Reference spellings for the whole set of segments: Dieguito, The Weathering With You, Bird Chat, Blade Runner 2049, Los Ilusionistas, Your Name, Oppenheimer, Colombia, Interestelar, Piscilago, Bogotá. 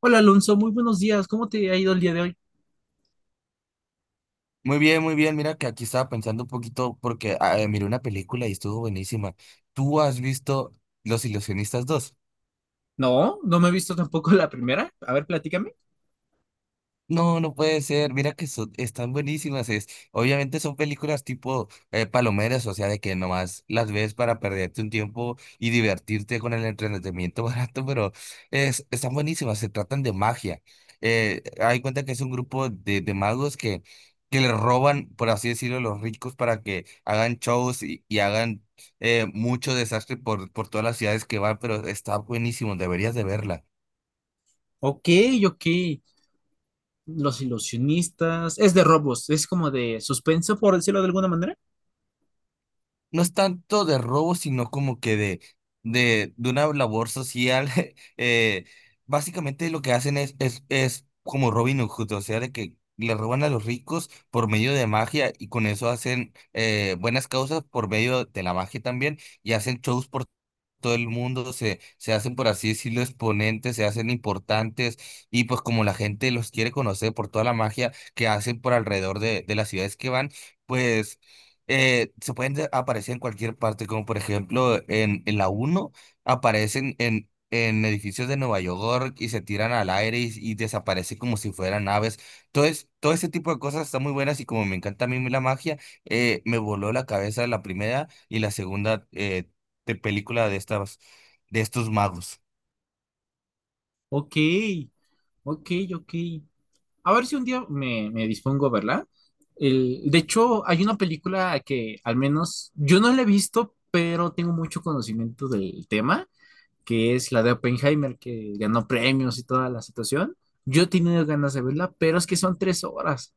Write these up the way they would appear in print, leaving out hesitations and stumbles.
Hola Alonso, muy buenos días. ¿Cómo te ha ido el día de hoy? Muy bien, muy bien. Mira que aquí estaba pensando un poquito porque miré una película y estuvo buenísima. ¿Tú has visto Los Ilusionistas dos? No, no me he visto tampoco la primera. A ver, platícame. No, no puede ser. Mira que son, están buenísimas. Es, obviamente son películas tipo palomeras, o sea, de que nomás las ves para perderte un tiempo y divertirte con el entretenimiento barato, pero es, están buenísimas. Se tratan de magia. Hay cuenta que es un grupo de magos que le roban, por así decirlo, a los ricos para que hagan shows y hagan mucho desastre por todas las ciudades que van, pero está buenísimo. Deberías de verla. Ok, ok. Los ilusionistas. Es de robos, es como de suspenso, por decirlo de alguna manera. No es tanto de robo, sino como que de una labor social. eh, básicamente lo que hacen es como Robin Hood, o sea, de que le roban a los ricos por medio de magia y con eso hacen buenas causas por medio de la magia también y hacen shows por todo el mundo se hacen, por así decirlo, exponentes, se hacen importantes y pues como la gente los quiere conocer por toda la magia que hacen por alrededor de las ciudades que van, pues se pueden aparecer en cualquier parte, como por ejemplo en la uno aparecen en edificios de Nueva York y se tiran al aire y desaparecen como si fueran aves. Todo, todo ese tipo de cosas están muy buenas y como me encanta a mí la magia, me voló la cabeza la primera y la segunda de película de estas, de estos magos. Ok, ok, ok. A ver si un día me dispongo a verla. El, de hecho, hay una película que al menos yo no la he visto, pero tengo mucho conocimiento del tema que es la de Oppenheimer, que ganó premios y toda la situación. Yo he tenido ganas de verla, pero es que son tres horas.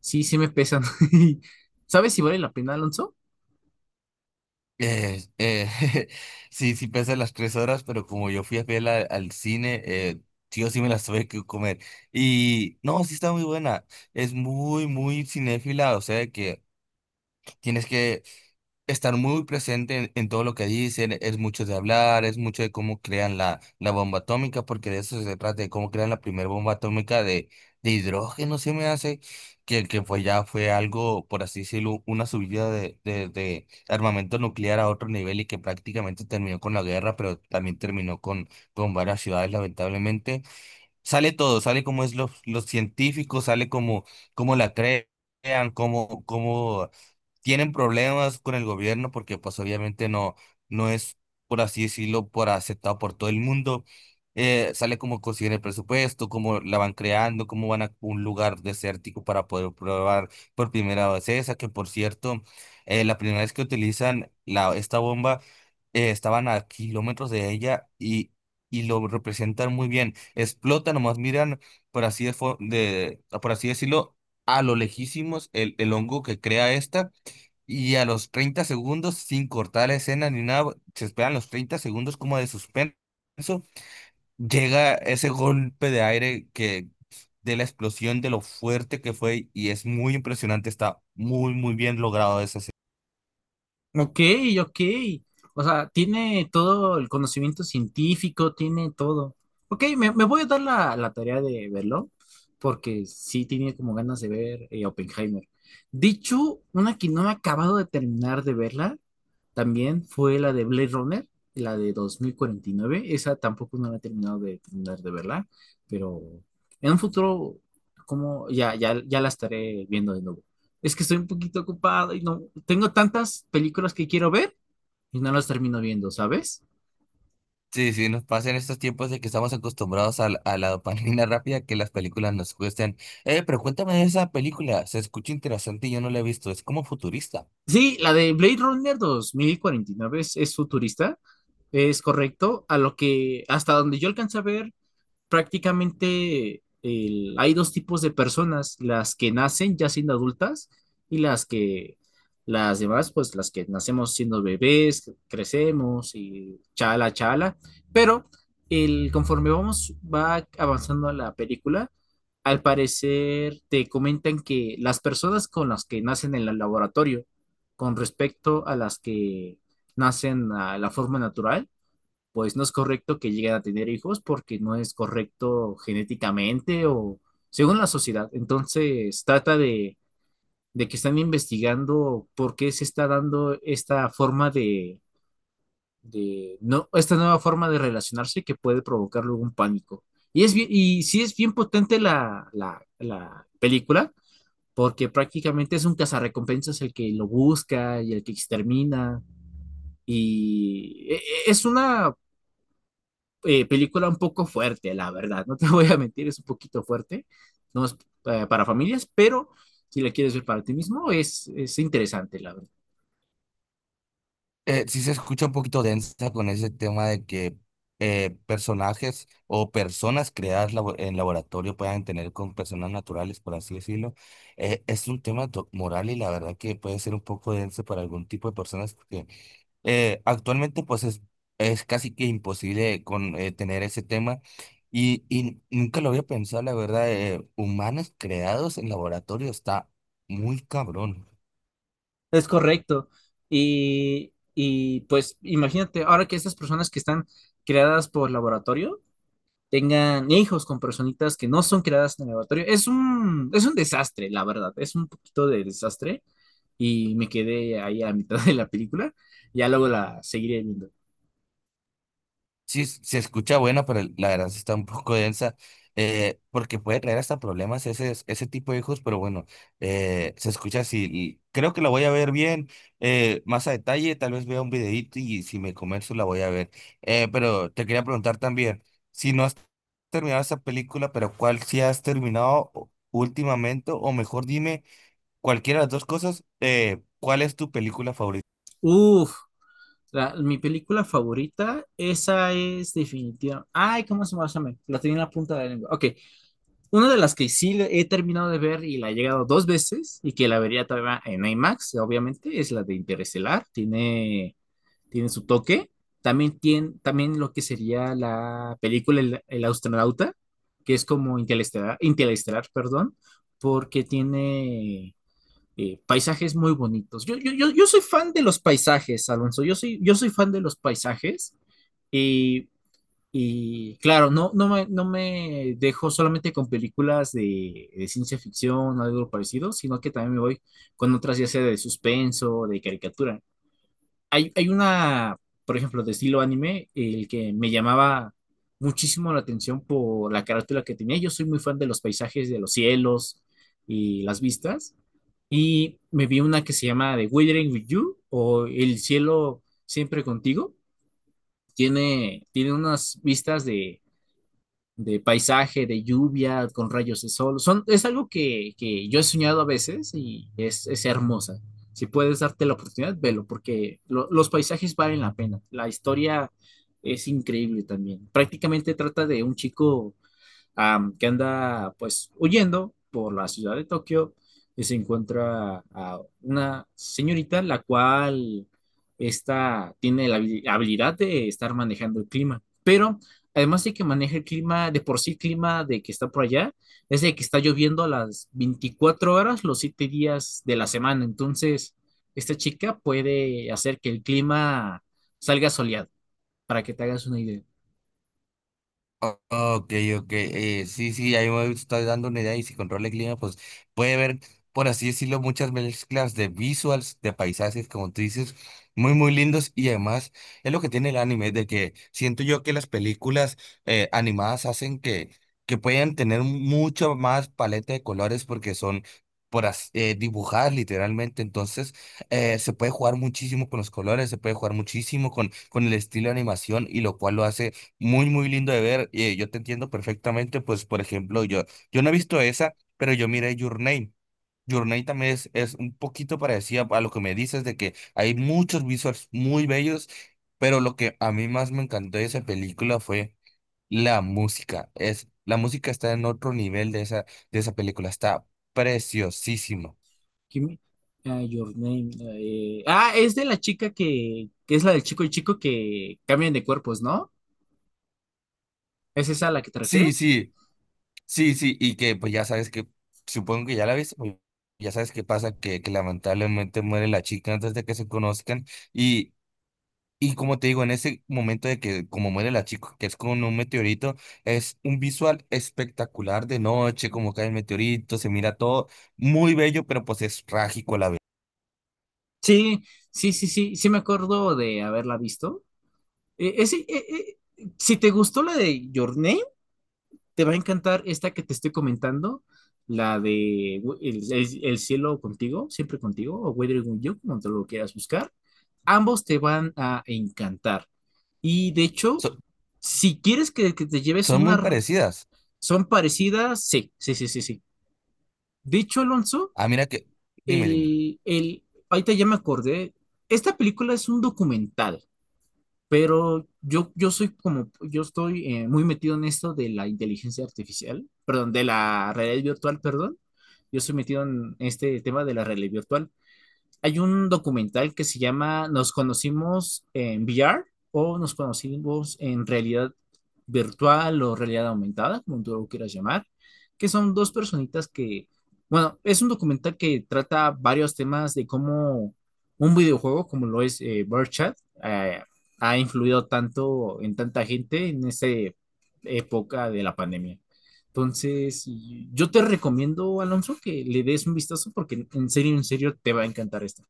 Sí, sí me pesan. ¿Sabes si vale la pena, Alonso? Eh, eh, sí, sí pesa las 3 horas, pero como yo fui a fiel al cine, sí o sí me las tuve que comer. Y no, sí está muy buena. Es muy, muy cinéfila, o sea que tienes que estar muy presente en todo lo que dicen, es mucho de hablar, es mucho de cómo crean la bomba atómica, porque de eso se trata, de cómo crean la primera bomba atómica de hidrógeno, se me hace, que fue ya fue algo, por así decirlo, una subida de armamento nuclear a otro nivel y que prácticamente terminó con la guerra, pero también terminó con varias ciudades, lamentablemente. Sale todo, sale como es los científicos, sale como, como la creen. Cómo, cómo tienen problemas con el gobierno porque pues obviamente no, no es, por así decirlo, por aceptado por todo el mundo. Sale como consiguen el presupuesto, cómo la van creando, cómo van a un lugar desértico para poder probar por primera vez esa, que por cierto, la primera vez que utilizan la, esta bomba, estaban a kilómetros de ella y lo representan muy bien. Explota, nomás miran, por así, por así decirlo, a lo lejísimos el hongo que crea esta. Y a los 30 segundos, sin cortar la escena ni nada, se esperan los 30 segundos como de suspenso. Llega ese golpe de aire que de la explosión, de lo fuerte que fue, y es muy impresionante. Está muy, muy bien logrado esa escena. Ok, ok. O sea, tiene todo el conocimiento científico, tiene todo. Ok, me voy a dar la tarea de verlo, porque sí tenía como ganas de ver Oppenheimer. Dicho, una que no me he acabado de terminar de verla, también fue la de Blade Runner, la de 2049. Esa tampoco no la he terminado de terminar de verla, pero en un futuro, como ya la estaré viendo de nuevo. Es que estoy un poquito ocupado y no tengo tantas películas que quiero ver y no las termino viendo, ¿sabes? Sí, sí, nos pasa en estos tiempos de que estamos acostumbrados la a la dopamina rápida que las películas nos cuestan. Pero cuéntame de esa película, se escucha interesante y yo no la he visto, es como futurista. Sí, la de Blade Runner 2049 es futurista, es correcto. A lo que hasta donde yo alcancé a ver, prácticamente hay dos tipos de personas, las que nacen ya siendo adultas y las demás, pues las que nacemos siendo bebés, crecemos y chala, chala, pero el, conforme vamos, va avanzando la película, al parecer te comentan que las personas con las que nacen en el laboratorio, con respecto a las que nacen a la forma natural, pues no es correcto que lleguen a tener hijos porque no es correcto genéticamente o según la sociedad. Entonces trata de que están investigando por qué se está dando esta forma de- no, esta nueva forma de relacionarse que puede provocar luego un pánico. Y es bien, y sí es bien potente la película, porque prácticamente es un cazarrecompensas el que lo busca y el que extermina. Y e- es una película un poco fuerte, la verdad. No te voy a mentir, es un poquito fuerte. No es para familias, pero si la quieres ver para ti mismo, es interesante, la verdad. Sí se escucha un poquito densa con ese tema de que personajes o personas creadas en laboratorio puedan tener con personas naturales, por así decirlo. Es un tema moral y la verdad que puede ser un poco denso para algún tipo de personas porque actualmente pues es casi que imposible tener ese tema y nunca lo había pensado, la verdad, humanos creados en laboratorio está muy cabrón. Es correcto. Y pues imagínate, ahora que estas personas que están creadas por laboratorio tengan hijos con personitas que no son creadas en el laboratorio, es un desastre, la verdad. Es un poquito de desastre. Y me quedé ahí a mitad de la película. Ya luego la seguiré viendo. Sí, se escucha bueno, pero la verdad sí está un poco densa, porque puede traer hasta problemas ese, ese tipo de hijos, pero bueno, se escucha así. Y creo que la voy a ver bien, más a detalle, tal vez vea un videíto y si me convenzo la voy a ver. Pero te quería preguntar también, si no has terminado esa película, pero ¿cuál sí has terminado últimamente? O mejor dime, cualquiera de las dos cosas, ¿cuál es tu película favorita? Uf, mi película favorita, esa es definitiva. Ay, ¿cómo se llama? La tenía en la punta de la lengua. Ok, una de las que he terminado de ver y la he llegado dos veces y que la vería todavía en IMAX, obviamente, es la de Interestelar. Tiene su toque. También tiene, también lo que sería la película El astronauta, que es como Interestelar, perdón, porque tiene paisajes muy bonitos. Yo soy fan de los paisajes, Alonso. Yo soy fan de los paisajes. Y, y claro, no me dejo solamente con películas de ciencia ficción o algo parecido, sino que también me voy con otras, ya sea de suspenso, de caricatura. Hay una, por ejemplo, de estilo anime, el que me llamaba muchísimo la atención por la carátula que tenía. Yo soy muy fan de los paisajes, de los cielos y las vistas. Y me vi una que se llama The Weathering With You o El cielo siempre contigo. Tiene unas vistas de paisaje, de lluvia, con rayos de sol. Son, es algo que yo he soñado a veces y es hermosa. Si puedes darte la oportunidad, velo, porque los paisajes valen la pena. La historia es increíble también. Prácticamente trata de un chico que anda pues huyendo por la ciudad de Tokio y se encuentra a una señorita la cual esta tiene la habilidad de estar manejando el clima, pero además de que maneja el clima, de por sí clima de que está por allá, es de que está lloviendo las 24 horas, los 7 días de la semana, entonces esta chica puede hacer que el clima salga soleado, para que te hagas una idea. Ok, ok. Sí, sí, ahí me estoy dando una idea y si controla el clima, pues puede ver, por así decirlo, muchas mezclas de visuals, de paisajes, como tú dices, muy, muy lindos y además es lo que tiene el anime, de que siento yo que las películas animadas hacen que puedan tener mucho más paleta de colores porque son dibujadas literalmente, entonces se puede jugar muchísimo con los colores, se puede jugar muchísimo con el estilo de animación y lo cual lo hace muy, muy lindo de ver. Yo te entiendo perfectamente. Pues, por ejemplo, yo no he visto esa, pero yo miré Your Name. Your Name también es un poquito parecida a lo que me dices de que hay muchos visuals muy bellos, pero lo que a mí más me encantó de esa película fue la música. Es, la música está en otro nivel de esa película. Está preciosísimo. Kimi- Your Name. Es de la chica que es la del chico y chico que cambian de cuerpos, ¿no? ¿Es esa a la que te Sí, refieres? sí. Sí, sí, y que pues ya sabes que, supongo que ya la viste, pues, ya sabes qué pasa, que lamentablemente muere la chica antes de que se conozcan y, y como te digo, en ese momento de que como muere la chica, que es con un meteorito, es un visual espectacular de noche, como cae el meteorito, se mira todo muy bello, pero pues es trágico a la vez. Sí, sí me acuerdo de haberla visto. Si te gustó la de Your Name, te va a encantar esta que te estoy comentando, la de el cielo contigo, siempre contigo, o Weathering with You, como te lo quieras buscar. Ambos te van a encantar. Y de hecho, So- si quieres que te lleves son muy una. parecidas. ¿Son parecidas? Sí. De hecho, Alonso, Ah, mira que, dime, dime. el, el, ahorita ya me acordé, esta película es un documental, pero yo soy como, yo estoy muy metido en esto de la inteligencia artificial, perdón, de la realidad virtual, perdón. Yo estoy metido en este tema de la realidad virtual. Hay un documental que se llama Nos conocimos en VR o nos conocimos en realidad virtual o realidad aumentada, como tú lo quieras llamar, que son dos personitas que, bueno, es un documental que trata varios temas de cómo un videojuego como lo es Bird Chat, eh, ha influido tanto en tanta gente en esta época de la pandemia. Entonces, yo te recomiendo, Alonso, que le des un vistazo porque en serio, te va a encantar esto.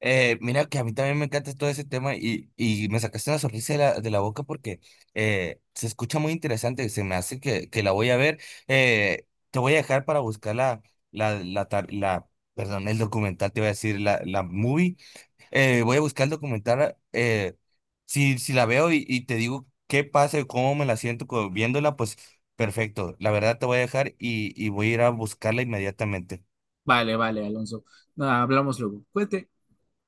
Mira que a mí también me encanta todo ese tema y me sacaste una sonrisa de la boca porque se escucha muy interesante, se me hace que la voy a ver. Te voy a dejar para buscar la, la, tar- la- perdón, el documental, te voy a decir, la movie. Voy a buscar el documental, si, si la veo y te digo qué pasa y cómo me la siento viéndola, pues perfecto, la verdad te voy a dejar y voy a ir a buscarla inmediatamente. Vale, vale, Alonso. Nada, hablamos luego. Cuente.